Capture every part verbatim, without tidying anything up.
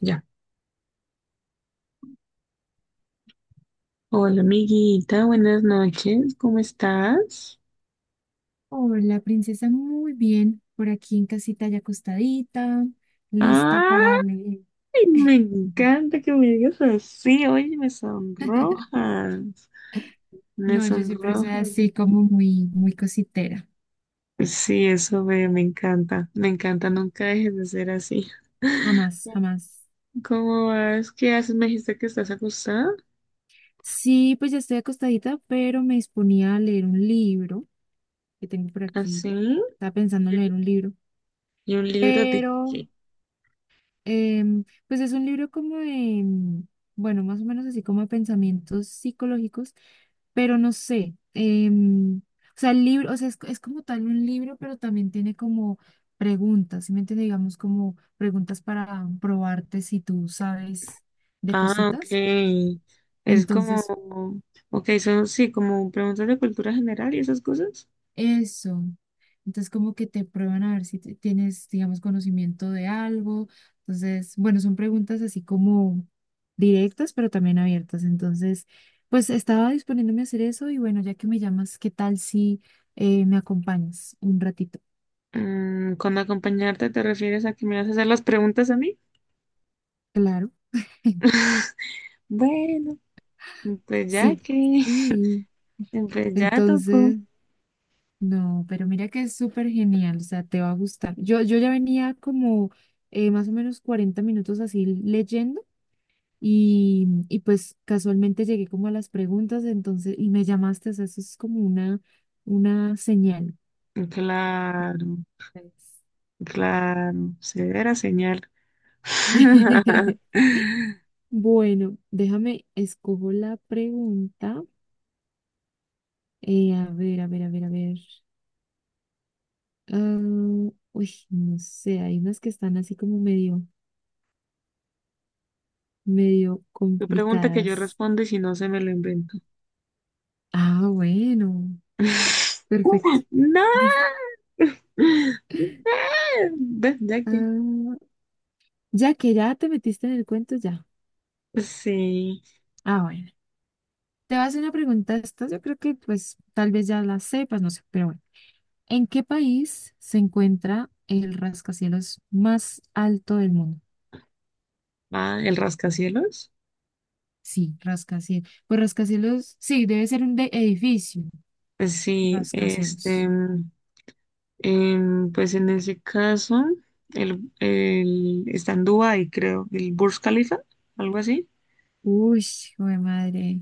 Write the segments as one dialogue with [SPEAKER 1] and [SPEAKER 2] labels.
[SPEAKER 1] Ya. Hola, amiguita, buenas noches, ¿cómo estás?
[SPEAKER 2] Hola, princesa, muy bien. Por aquí en casita ya acostadita, lista
[SPEAKER 1] ¡Ay,
[SPEAKER 2] para leer.
[SPEAKER 1] me
[SPEAKER 2] Ujú.
[SPEAKER 1] encanta que me digas así! Oye, me sonrojas, me
[SPEAKER 2] No, yo siempre soy
[SPEAKER 1] sonrojas.
[SPEAKER 2] así como muy, muy cositera.
[SPEAKER 1] Sí, eso veo, me encanta, me encanta, nunca dejes de ser así.
[SPEAKER 2] Jamás, jamás.
[SPEAKER 1] ¿Cómo vas? ¿Qué haces? Me dijiste que estás acostada,
[SPEAKER 2] Sí, pues ya estoy acostadita, pero me disponía a leer un libro que tengo por aquí.
[SPEAKER 1] así.
[SPEAKER 2] Estaba pensando
[SPEAKER 1] ¿Y
[SPEAKER 2] en leer
[SPEAKER 1] un,
[SPEAKER 2] un libro,
[SPEAKER 1] y un libro de
[SPEAKER 2] pero
[SPEAKER 1] qué?
[SPEAKER 2] Em, pues es un libro como de, mm, bueno, más o menos así como de pensamientos psicológicos, pero no sé. em, o sea, el libro, o sea, es, es como tal un libro, pero también tiene como preguntas, ¿sí me entiende? Digamos como preguntas para probarte si tú sabes de
[SPEAKER 1] Ah, ok.
[SPEAKER 2] cositas.
[SPEAKER 1] Es como,
[SPEAKER 2] Entonces,
[SPEAKER 1] ok, son, sí, como preguntas de cultura general y esas cosas.
[SPEAKER 2] eso. Entonces, como que te prueban a ver si te- tienes, digamos, conocimiento de algo. Entonces, bueno, son preguntas así como directas, pero también abiertas. Entonces, pues estaba disponiéndome a hacer eso y bueno, ya que me llamas, ¿qué tal si eh, me acompañas un ratito?
[SPEAKER 1] Mm, ¿con acompañarte te refieres a que me vas a hacer las preguntas a mí?
[SPEAKER 2] Claro,
[SPEAKER 1] Bueno, pues ya
[SPEAKER 2] sí.
[SPEAKER 1] que,
[SPEAKER 2] Sí.
[SPEAKER 1] pues ya tocó.
[SPEAKER 2] Entonces, no, pero mira que es súper genial, o sea, te va a gustar. Yo, yo ya venía como eh, más o menos cuarenta minutos así leyendo. Y, y pues casualmente llegué como a las preguntas, entonces, y me llamaste, o sea, eso es como una, una señal.
[SPEAKER 1] Claro,
[SPEAKER 2] Pues.
[SPEAKER 1] claro, severa señal.
[SPEAKER 2] Bueno, déjame, escojo la pregunta. Eh, a ver, a ver, a ver, a ver. Ah, uy, no sé, hay unas que están así como medio, medio
[SPEAKER 1] Tu pregunta que yo
[SPEAKER 2] complicadas.
[SPEAKER 1] respondo y si no se me lo invento.
[SPEAKER 2] Ah, bueno, perfecto.
[SPEAKER 1] No, no, ve, ya que.
[SPEAKER 2] Ah, ya que ya te metiste en el cuento, ya.
[SPEAKER 1] Sí.
[SPEAKER 2] Ah, bueno. Te vas a hacer una pregunta, esta yo creo que pues tal vez ya la sepas, no sé, pero bueno. ¿En qué país se encuentra el rascacielos más alto del mundo?
[SPEAKER 1] Ah, el rascacielos.
[SPEAKER 2] Sí, rascacielos. Pues rascacielos, sí, debe ser un de edificio.
[SPEAKER 1] Pues sí,
[SPEAKER 2] Rascacielos.
[SPEAKER 1] este. Em, pues en ese caso, el, el- está en Dubái, creo, el Burj Khalifa, algo así.
[SPEAKER 2] Uy, joder madre.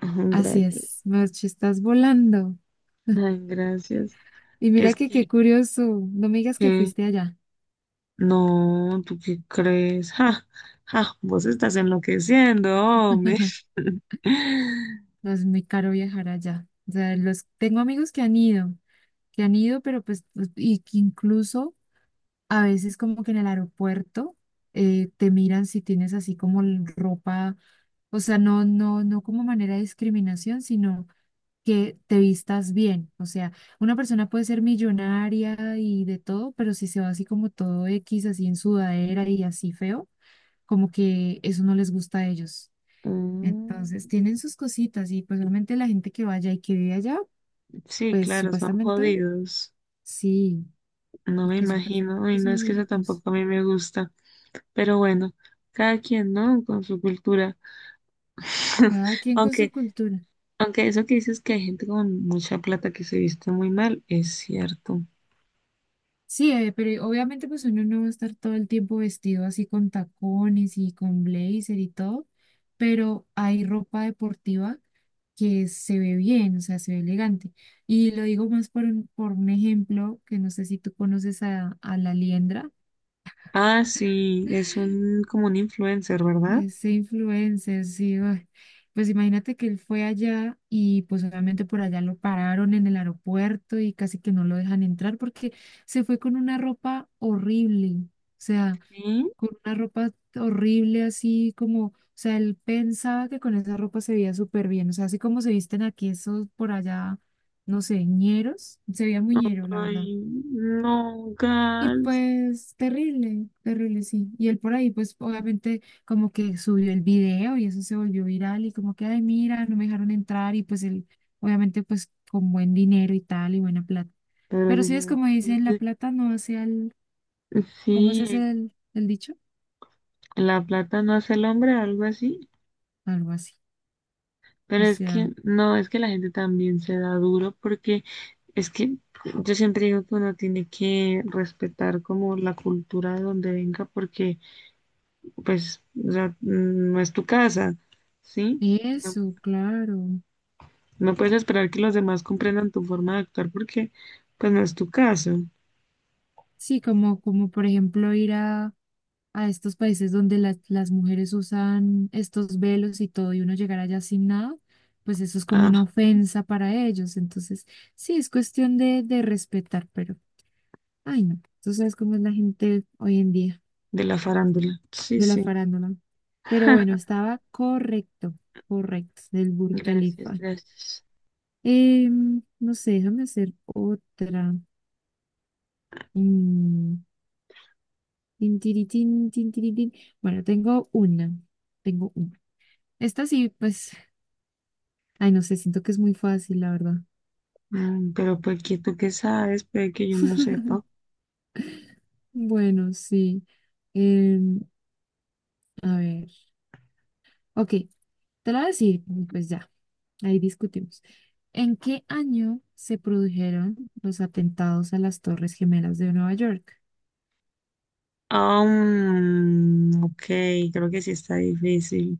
[SPEAKER 1] Ajá,
[SPEAKER 2] Así
[SPEAKER 1] gracias.
[SPEAKER 2] es, Marche, estás volando.
[SPEAKER 1] Ay, gracias.
[SPEAKER 2] Y mira
[SPEAKER 1] Es
[SPEAKER 2] que qué
[SPEAKER 1] que,
[SPEAKER 2] curioso, no me digas que
[SPEAKER 1] que-
[SPEAKER 2] fuiste allá.
[SPEAKER 1] no, ¿tú qué crees? Ja, ja, vos estás enloqueciendo, hombre.
[SPEAKER 2] No, es muy caro viajar allá. O sea, los, tengo amigos que han ido, que han ido, pero pues, y que incluso a veces como que en el aeropuerto eh, te miran si tienes así como l- ropa, o sea, no, no, no como manera de discriminación, sino que te vistas bien. O sea, una persona puede ser millonaria y de todo, pero si se va así como todo X, así en sudadera y así feo, como que eso no les gusta a ellos. Entonces,
[SPEAKER 1] Mm,
[SPEAKER 2] tienen sus cositas y pues obviamente la gente que vaya y que vive allá,
[SPEAKER 1] sí,
[SPEAKER 2] pues
[SPEAKER 1] claro, son
[SPEAKER 2] supuestamente
[SPEAKER 1] jodidos.
[SPEAKER 2] sí,
[SPEAKER 1] No
[SPEAKER 2] y
[SPEAKER 1] me
[SPEAKER 2] que
[SPEAKER 1] imagino. Y
[SPEAKER 2] supuestamente
[SPEAKER 1] no
[SPEAKER 2] son
[SPEAKER 1] es
[SPEAKER 2] muy
[SPEAKER 1] que eso
[SPEAKER 2] ricos.
[SPEAKER 1] tampoco a mí me gusta. Pero bueno, cada quien, ¿no? Con su cultura.
[SPEAKER 2] Cada quien con su
[SPEAKER 1] Aunque
[SPEAKER 2] cultura.
[SPEAKER 1] Aunque eso que dices que hay gente con mucha plata que se viste muy mal, es cierto.
[SPEAKER 2] Sí, eh, pero obviamente pues uno no va a estar todo el tiempo vestido así con tacones y con blazer y todo, pero hay ropa deportiva que se ve bien, o sea, se ve elegante. Y lo digo más por un, por un ejemplo, que no sé si tú conoces a, a, La Liendra,
[SPEAKER 1] Ah, sí, es un como un influencer, ¿verdad?
[SPEAKER 2] ese influencer, sí, ay, pues imagínate que él fue allá y pues obviamente por allá lo pararon en el aeropuerto y casi que no lo dejan entrar porque se fue con una ropa horrible, o sea,
[SPEAKER 1] Sí.
[SPEAKER 2] con una ropa horrible así como, o sea, él pensaba que con esa ropa se veía súper bien, o sea, así como se visten aquí esos por allá, no sé, ñeros, se veía muy ñero, la verdad.
[SPEAKER 1] Ay, no,
[SPEAKER 2] Y
[SPEAKER 1] gas.
[SPEAKER 2] pues terrible, terrible, sí. Y él por ahí, pues obviamente como que subió el video y eso se volvió viral y como que, ay, mira, no me dejaron entrar y pues él, obviamente pues con buen dinero y tal y buena plata.
[SPEAKER 1] Pero
[SPEAKER 2] Pero
[SPEAKER 1] sí,
[SPEAKER 2] sí es como dicen, la
[SPEAKER 1] sí,
[SPEAKER 2] plata no hace al, ¿cómo es
[SPEAKER 1] sí, sí,
[SPEAKER 2] ese el, el dicho?
[SPEAKER 1] la plata no hace el hombre, algo así.
[SPEAKER 2] Algo así.
[SPEAKER 1] Pero
[SPEAKER 2] O
[SPEAKER 1] es
[SPEAKER 2] sea,
[SPEAKER 1] que, no, es que la gente también se da duro porque es que yo siempre digo que uno tiene que respetar como la cultura de donde venga porque pues, o sea, mm, no es tu casa, ¿sí? No,
[SPEAKER 2] eso, claro.
[SPEAKER 1] no puedes esperar que los demás comprendan tu forma de actuar porque, pues, no es tu caso.
[SPEAKER 2] Sí, como, como por ejemplo ir a, a, estos países donde las las mujeres usan estos velos y todo, y uno llegar allá sin nada, pues eso es como una
[SPEAKER 1] Ah,
[SPEAKER 2] ofensa para ellos. Entonces, sí, es cuestión de, de respetar, pero, ay no, tú sabes cómo es la gente hoy en día
[SPEAKER 1] de la farándula. Sí,
[SPEAKER 2] de la
[SPEAKER 1] sí.
[SPEAKER 2] farándula. Pero bueno, estaba correcto, correcto, del Burj
[SPEAKER 1] Gracias,
[SPEAKER 2] Khalifa.
[SPEAKER 1] gracias.
[SPEAKER 2] Em, no sé, déjame hacer otra. Mm. Tin, tiritín, tin, tiritín. Bueno, tengo una. Tengo una. Esta sí, pues, ay, no sé, siento que es muy fácil, la verdad.
[SPEAKER 1] Mm, pero pues que tú qué sabes, puede que yo no sepa.
[SPEAKER 2] Bueno, sí. Em, a ver. Ok, te lo voy a decir, y pues ya, ahí discutimos. ¿En qué año se produjeron los atentados a las Torres Gemelas de Nueva York?
[SPEAKER 1] Ah, mm, ok, creo que sí está difícil.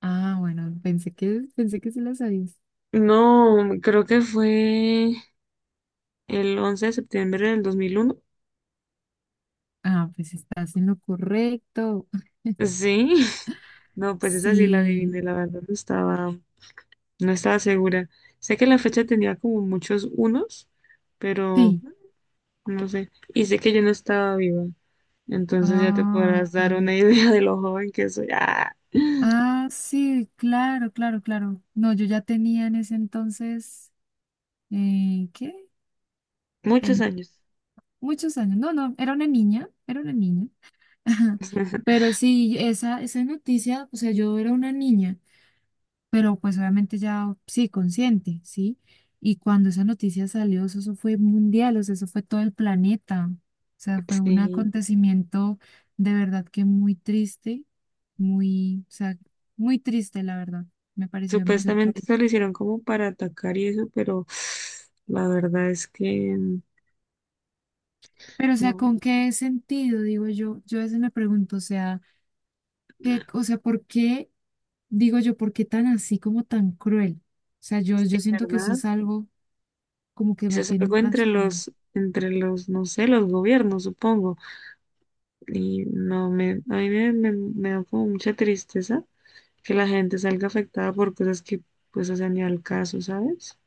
[SPEAKER 2] Ah, bueno, pensé que, pensé que se las sabías.
[SPEAKER 1] No, creo que fue el once de septiembre del dos mil uno.
[SPEAKER 2] Ah, pues estás en lo correcto.
[SPEAKER 1] Sí, no, pues esa sí la
[SPEAKER 2] Sí,
[SPEAKER 1] adiviné, la verdad no estaba, no estaba segura. Sé que la fecha tenía como muchos unos, pero
[SPEAKER 2] sí.
[SPEAKER 1] no sé. Y sé que yo no estaba viva. Entonces ya te
[SPEAKER 2] Ah,
[SPEAKER 1] podrás
[SPEAKER 2] ok.
[SPEAKER 1] dar una idea de lo joven que soy. ¡Ah!
[SPEAKER 2] Ah, sí, claro, claro, claro. No, yo ya tenía en ese entonces, eh, ¿qué?
[SPEAKER 1] Muchos
[SPEAKER 2] Ten-
[SPEAKER 1] años.
[SPEAKER 2] muchos años. No, no, era una niña, era una niña. Pero sí, esa, esa noticia, o sea, yo era una niña, pero pues obviamente ya, sí, consciente, ¿sí? Y cuando esa noticia salió, eso, eso fue mundial, o sea, eso fue todo el planeta. O sea, fue un
[SPEAKER 1] Sí.
[SPEAKER 2] acontecimiento de verdad que muy triste, muy, o sea, muy triste, la verdad. Me pareció demasiado.
[SPEAKER 1] Supuestamente se lo hicieron como para atacar y eso, pero la verdad es que
[SPEAKER 2] Pero, o sea,
[SPEAKER 1] no.
[SPEAKER 2] ¿con qué sentido? Digo yo, yo, a veces me pregunto, o sea, ¿qué, o sea, ¿por qué, digo yo, por qué tan así como tan cruel? O sea, yo,
[SPEAKER 1] Sí,
[SPEAKER 2] yo siento que eso
[SPEAKER 1] ¿verdad?
[SPEAKER 2] es algo como que
[SPEAKER 1] Eso
[SPEAKER 2] me
[SPEAKER 1] es
[SPEAKER 2] tienen
[SPEAKER 1] algo entre
[SPEAKER 2] transformado.
[SPEAKER 1] los, entre los, no sé, los gobiernos, supongo. Y no me, a mí me, me me da como mucha tristeza que la gente salga afectada por cosas que pues hacen ni al caso, ¿sabes?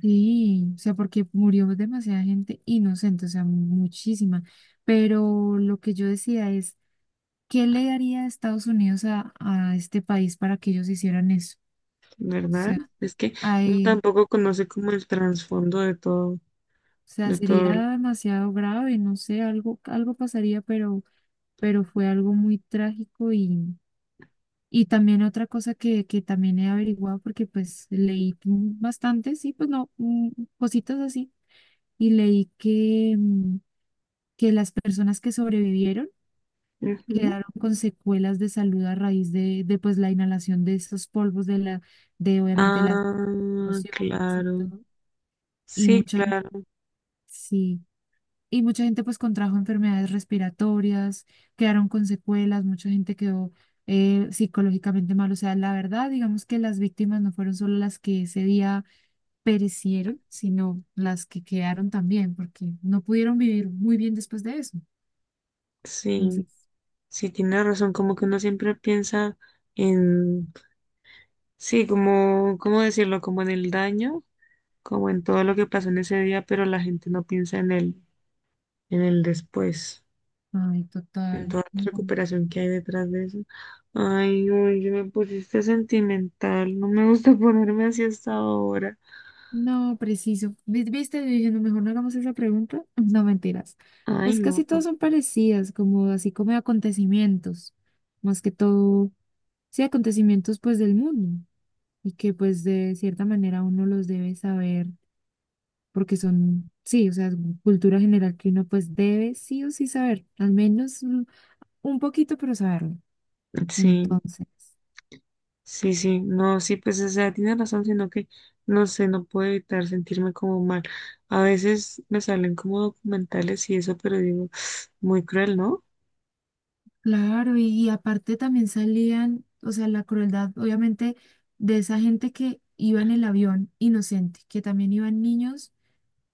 [SPEAKER 2] Sí, o sea, porque murió demasiada gente inocente, o sea, muchísima. Pero lo que yo decía es, ¿qué le daría Estados Unidos a, a este país para que ellos hicieran eso? O
[SPEAKER 1] ¿Verdad?
[SPEAKER 2] sea,
[SPEAKER 1] Es que uno
[SPEAKER 2] hay,
[SPEAKER 1] tampoco conoce como el trasfondo de todo,
[SPEAKER 2] o sea,
[SPEAKER 1] de todo. El-
[SPEAKER 2] sería demasiado grave, no sé, algo, algo pasaría, pero pero fue algo muy trágico y, y también otra cosa que, que también he averiguado porque pues leí mm, bastante, sí, pues no, mm, cositas así, y leí que, mm, que las personas que sobrevivieron
[SPEAKER 1] Ujú.
[SPEAKER 2] quedaron con secuelas de salud a raíz de, de pues la inhalación de esos polvos de la, de obviamente las
[SPEAKER 1] Ah,
[SPEAKER 2] explosiones y
[SPEAKER 1] claro.
[SPEAKER 2] todo, y
[SPEAKER 1] Sí,
[SPEAKER 2] mucha gente,
[SPEAKER 1] claro.
[SPEAKER 2] y mucha gente pues contrajo enfermedades respiratorias, quedaron con secuelas, mucha gente quedó eh, psicológicamente mal. O sea, la verdad, digamos que las víctimas no fueron solo las que ese día perecieron, sino las que quedaron también, porque no pudieron vivir muy bien después de eso.
[SPEAKER 1] Sí,
[SPEAKER 2] Entonces,
[SPEAKER 1] sí, tiene razón. Como que uno siempre piensa en, sí, como, ¿cómo decirlo? Como en el daño, como en todo lo que pasó en ese día, pero la gente no piensa en el, en el después.
[SPEAKER 2] ay,
[SPEAKER 1] En
[SPEAKER 2] total.
[SPEAKER 1] toda la
[SPEAKER 2] No,
[SPEAKER 1] recuperación que hay detrás de eso. Ay, hoy me pusiste sentimental, no me gusta ponerme así hasta ahora.
[SPEAKER 2] no, preciso. Vi- Viste, yo dije, no, mejor no hagamos esa pregunta. No, mentiras.
[SPEAKER 1] Ay,
[SPEAKER 2] Pues
[SPEAKER 1] no,
[SPEAKER 2] casi
[SPEAKER 1] ta-
[SPEAKER 2] todas son parecidas, como así como acontecimientos. Más que todo sí, acontecimientos pues del mundo y que pues de cierta manera uno los debe saber porque son, sí, o sea, es cultura general que uno pues debe sí o sí saber, al menos un un poquito, pero saberlo.
[SPEAKER 1] sí,
[SPEAKER 2] Entonces,
[SPEAKER 1] sí, sí, no, sí, pues, o sea, tiene razón, sino que, no sé, no puedo evitar sentirme como mal. A veces me salen como documentales y eso, pero digo, muy cruel, ¿no?
[SPEAKER 2] claro, y, y aparte también salían, o sea, la crueldad obviamente de esa gente que iba en el avión inocente, que también iban niños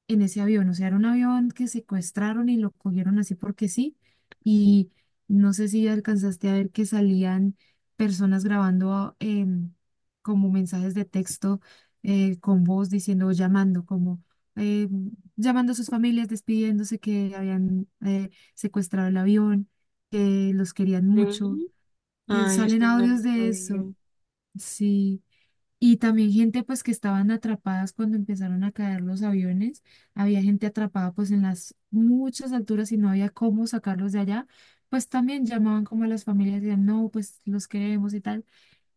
[SPEAKER 2] en ese avión. O sea, era un avión que secuestraron y lo cogieron así porque sí. Y no sé si alcanzaste a ver que salían personas grabando em, como mensajes de texto eh, con voz diciendo, llamando, como eh, llamando a sus familias, despidiéndose que habían eh, secuestrado el avión, que los querían mucho.
[SPEAKER 1] Sí.
[SPEAKER 2] Eh,
[SPEAKER 1] Ay,
[SPEAKER 2] salen
[SPEAKER 1] eso no lo
[SPEAKER 2] audios de
[SPEAKER 1] sabía.
[SPEAKER 2] eso. Sí. Y también gente pues que estaban atrapadas cuando empezaron a caer los aviones. Había gente atrapada pues en las muchas alturas y no había cómo sacarlos de allá. Pues también llamaban como a las familias y decían, no, pues los queremos y tal.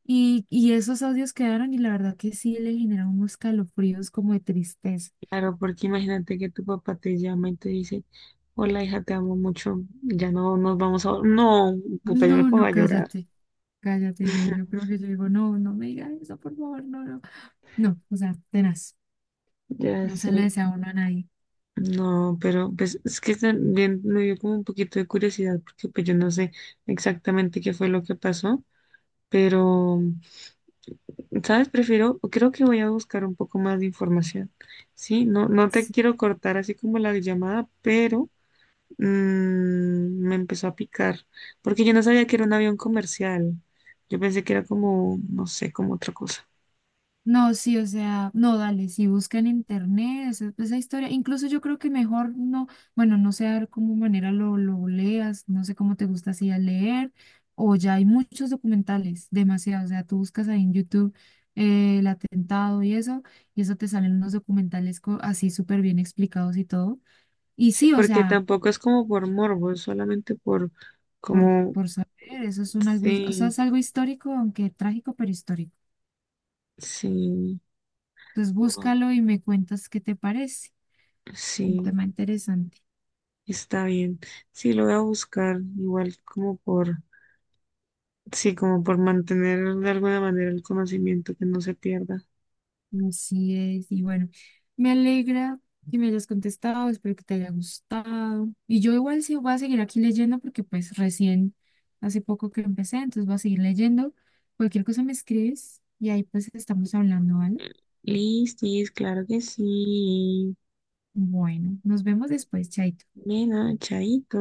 [SPEAKER 2] Y, y esos audios quedaron y la verdad que sí le generaron unos calofríos como de tristeza.
[SPEAKER 1] Claro, porque imagínate que tu papá te llama y te dice, hola hija, te amo mucho, ya no nos vamos a... No, puta, yo me
[SPEAKER 2] No,
[SPEAKER 1] pongo
[SPEAKER 2] no,
[SPEAKER 1] a llorar.
[SPEAKER 2] cállate, cállate. Yo, yo creo que yo digo, no, no me digas eso, por favor, no, no. No, o sea, tenaz.
[SPEAKER 1] Ya
[SPEAKER 2] No se le
[SPEAKER 1] sé.
[SPEAKER 2] desea a uno a nadie.
[SPEAKER 1] No, pero pues es que también me dio como un poquito de curiosidad porque pues yo no sé exactamente qué fue lo que pasó, pero, ¿sabes? Prefiero, creo que voy a buscar un poco más de información, ¿sí? No, no te quiero cortar así como la llamada, pero mm, me empezó a picar, porque yo no sabía que era un avión comercial. Yo pensé que era como, no sé, como otra cosa.
[SPEAKER 2] No, sí, o sea, no, dale, si busca en internet esa, esa historia, incluso yo creo que mejor no, bueno, no sé a ver cómo manera lo, lo leas, no sé cómo te gusta así a leer, o ya hay muchos documentales, demasiados, o sea, tú buscas ahí en YouTube eh, el atentado y eso, y eso te salen unos documentales co- así súper bien explicados y todo, y
[SPEAKER 1] Sí,
[SPEAKER 2] sí, o
[SPEAKER 1] porque
[SPEAKER 2] sea,
[SPEAKER 1] tampoco es como por morbo, es solamente por
[SPEAKER 2] por,
[SPEAKER 1] como,
[SPEAKER 2] por saber, eso es un algo, his- o sea,
[SPEAKER 1] sí,
[SPEAKER 2] es algo histórico, aunque trágico, pero histórico.
[SPEAKER 1] sí,
[SPEAKER 2] Entonces
[SPEAKER 1] ah,
[SPEAKER 2] búscalo y me cuentas qué te parece, un
[SPEAKER 1] sí,
[SPEAKER 2] tema interesante.
[SPEAKER 1] está bien. Sí, lo voy a buscar, igual como por, sí, como por mantener de alguna manera el conocimiento que no se pierda.
[SPEAKER 2] Así es. Y bueno, me alegra que me hayas contestado, espero que te haya gustado. Y yo igual sí voy a seguir aquí leyendo porque pues recién, hace poco que empecé, entonces voy a seguir leyendo. Cualquier cosa me escribes y ahí pues estamos hablando, ¿vale?
[SPEAKER 1] Listis, claro que sí.
[SPEAKER 2] Bueno, nos vemos después, Chaito.
[SPEAKER 1] Mena, chaito.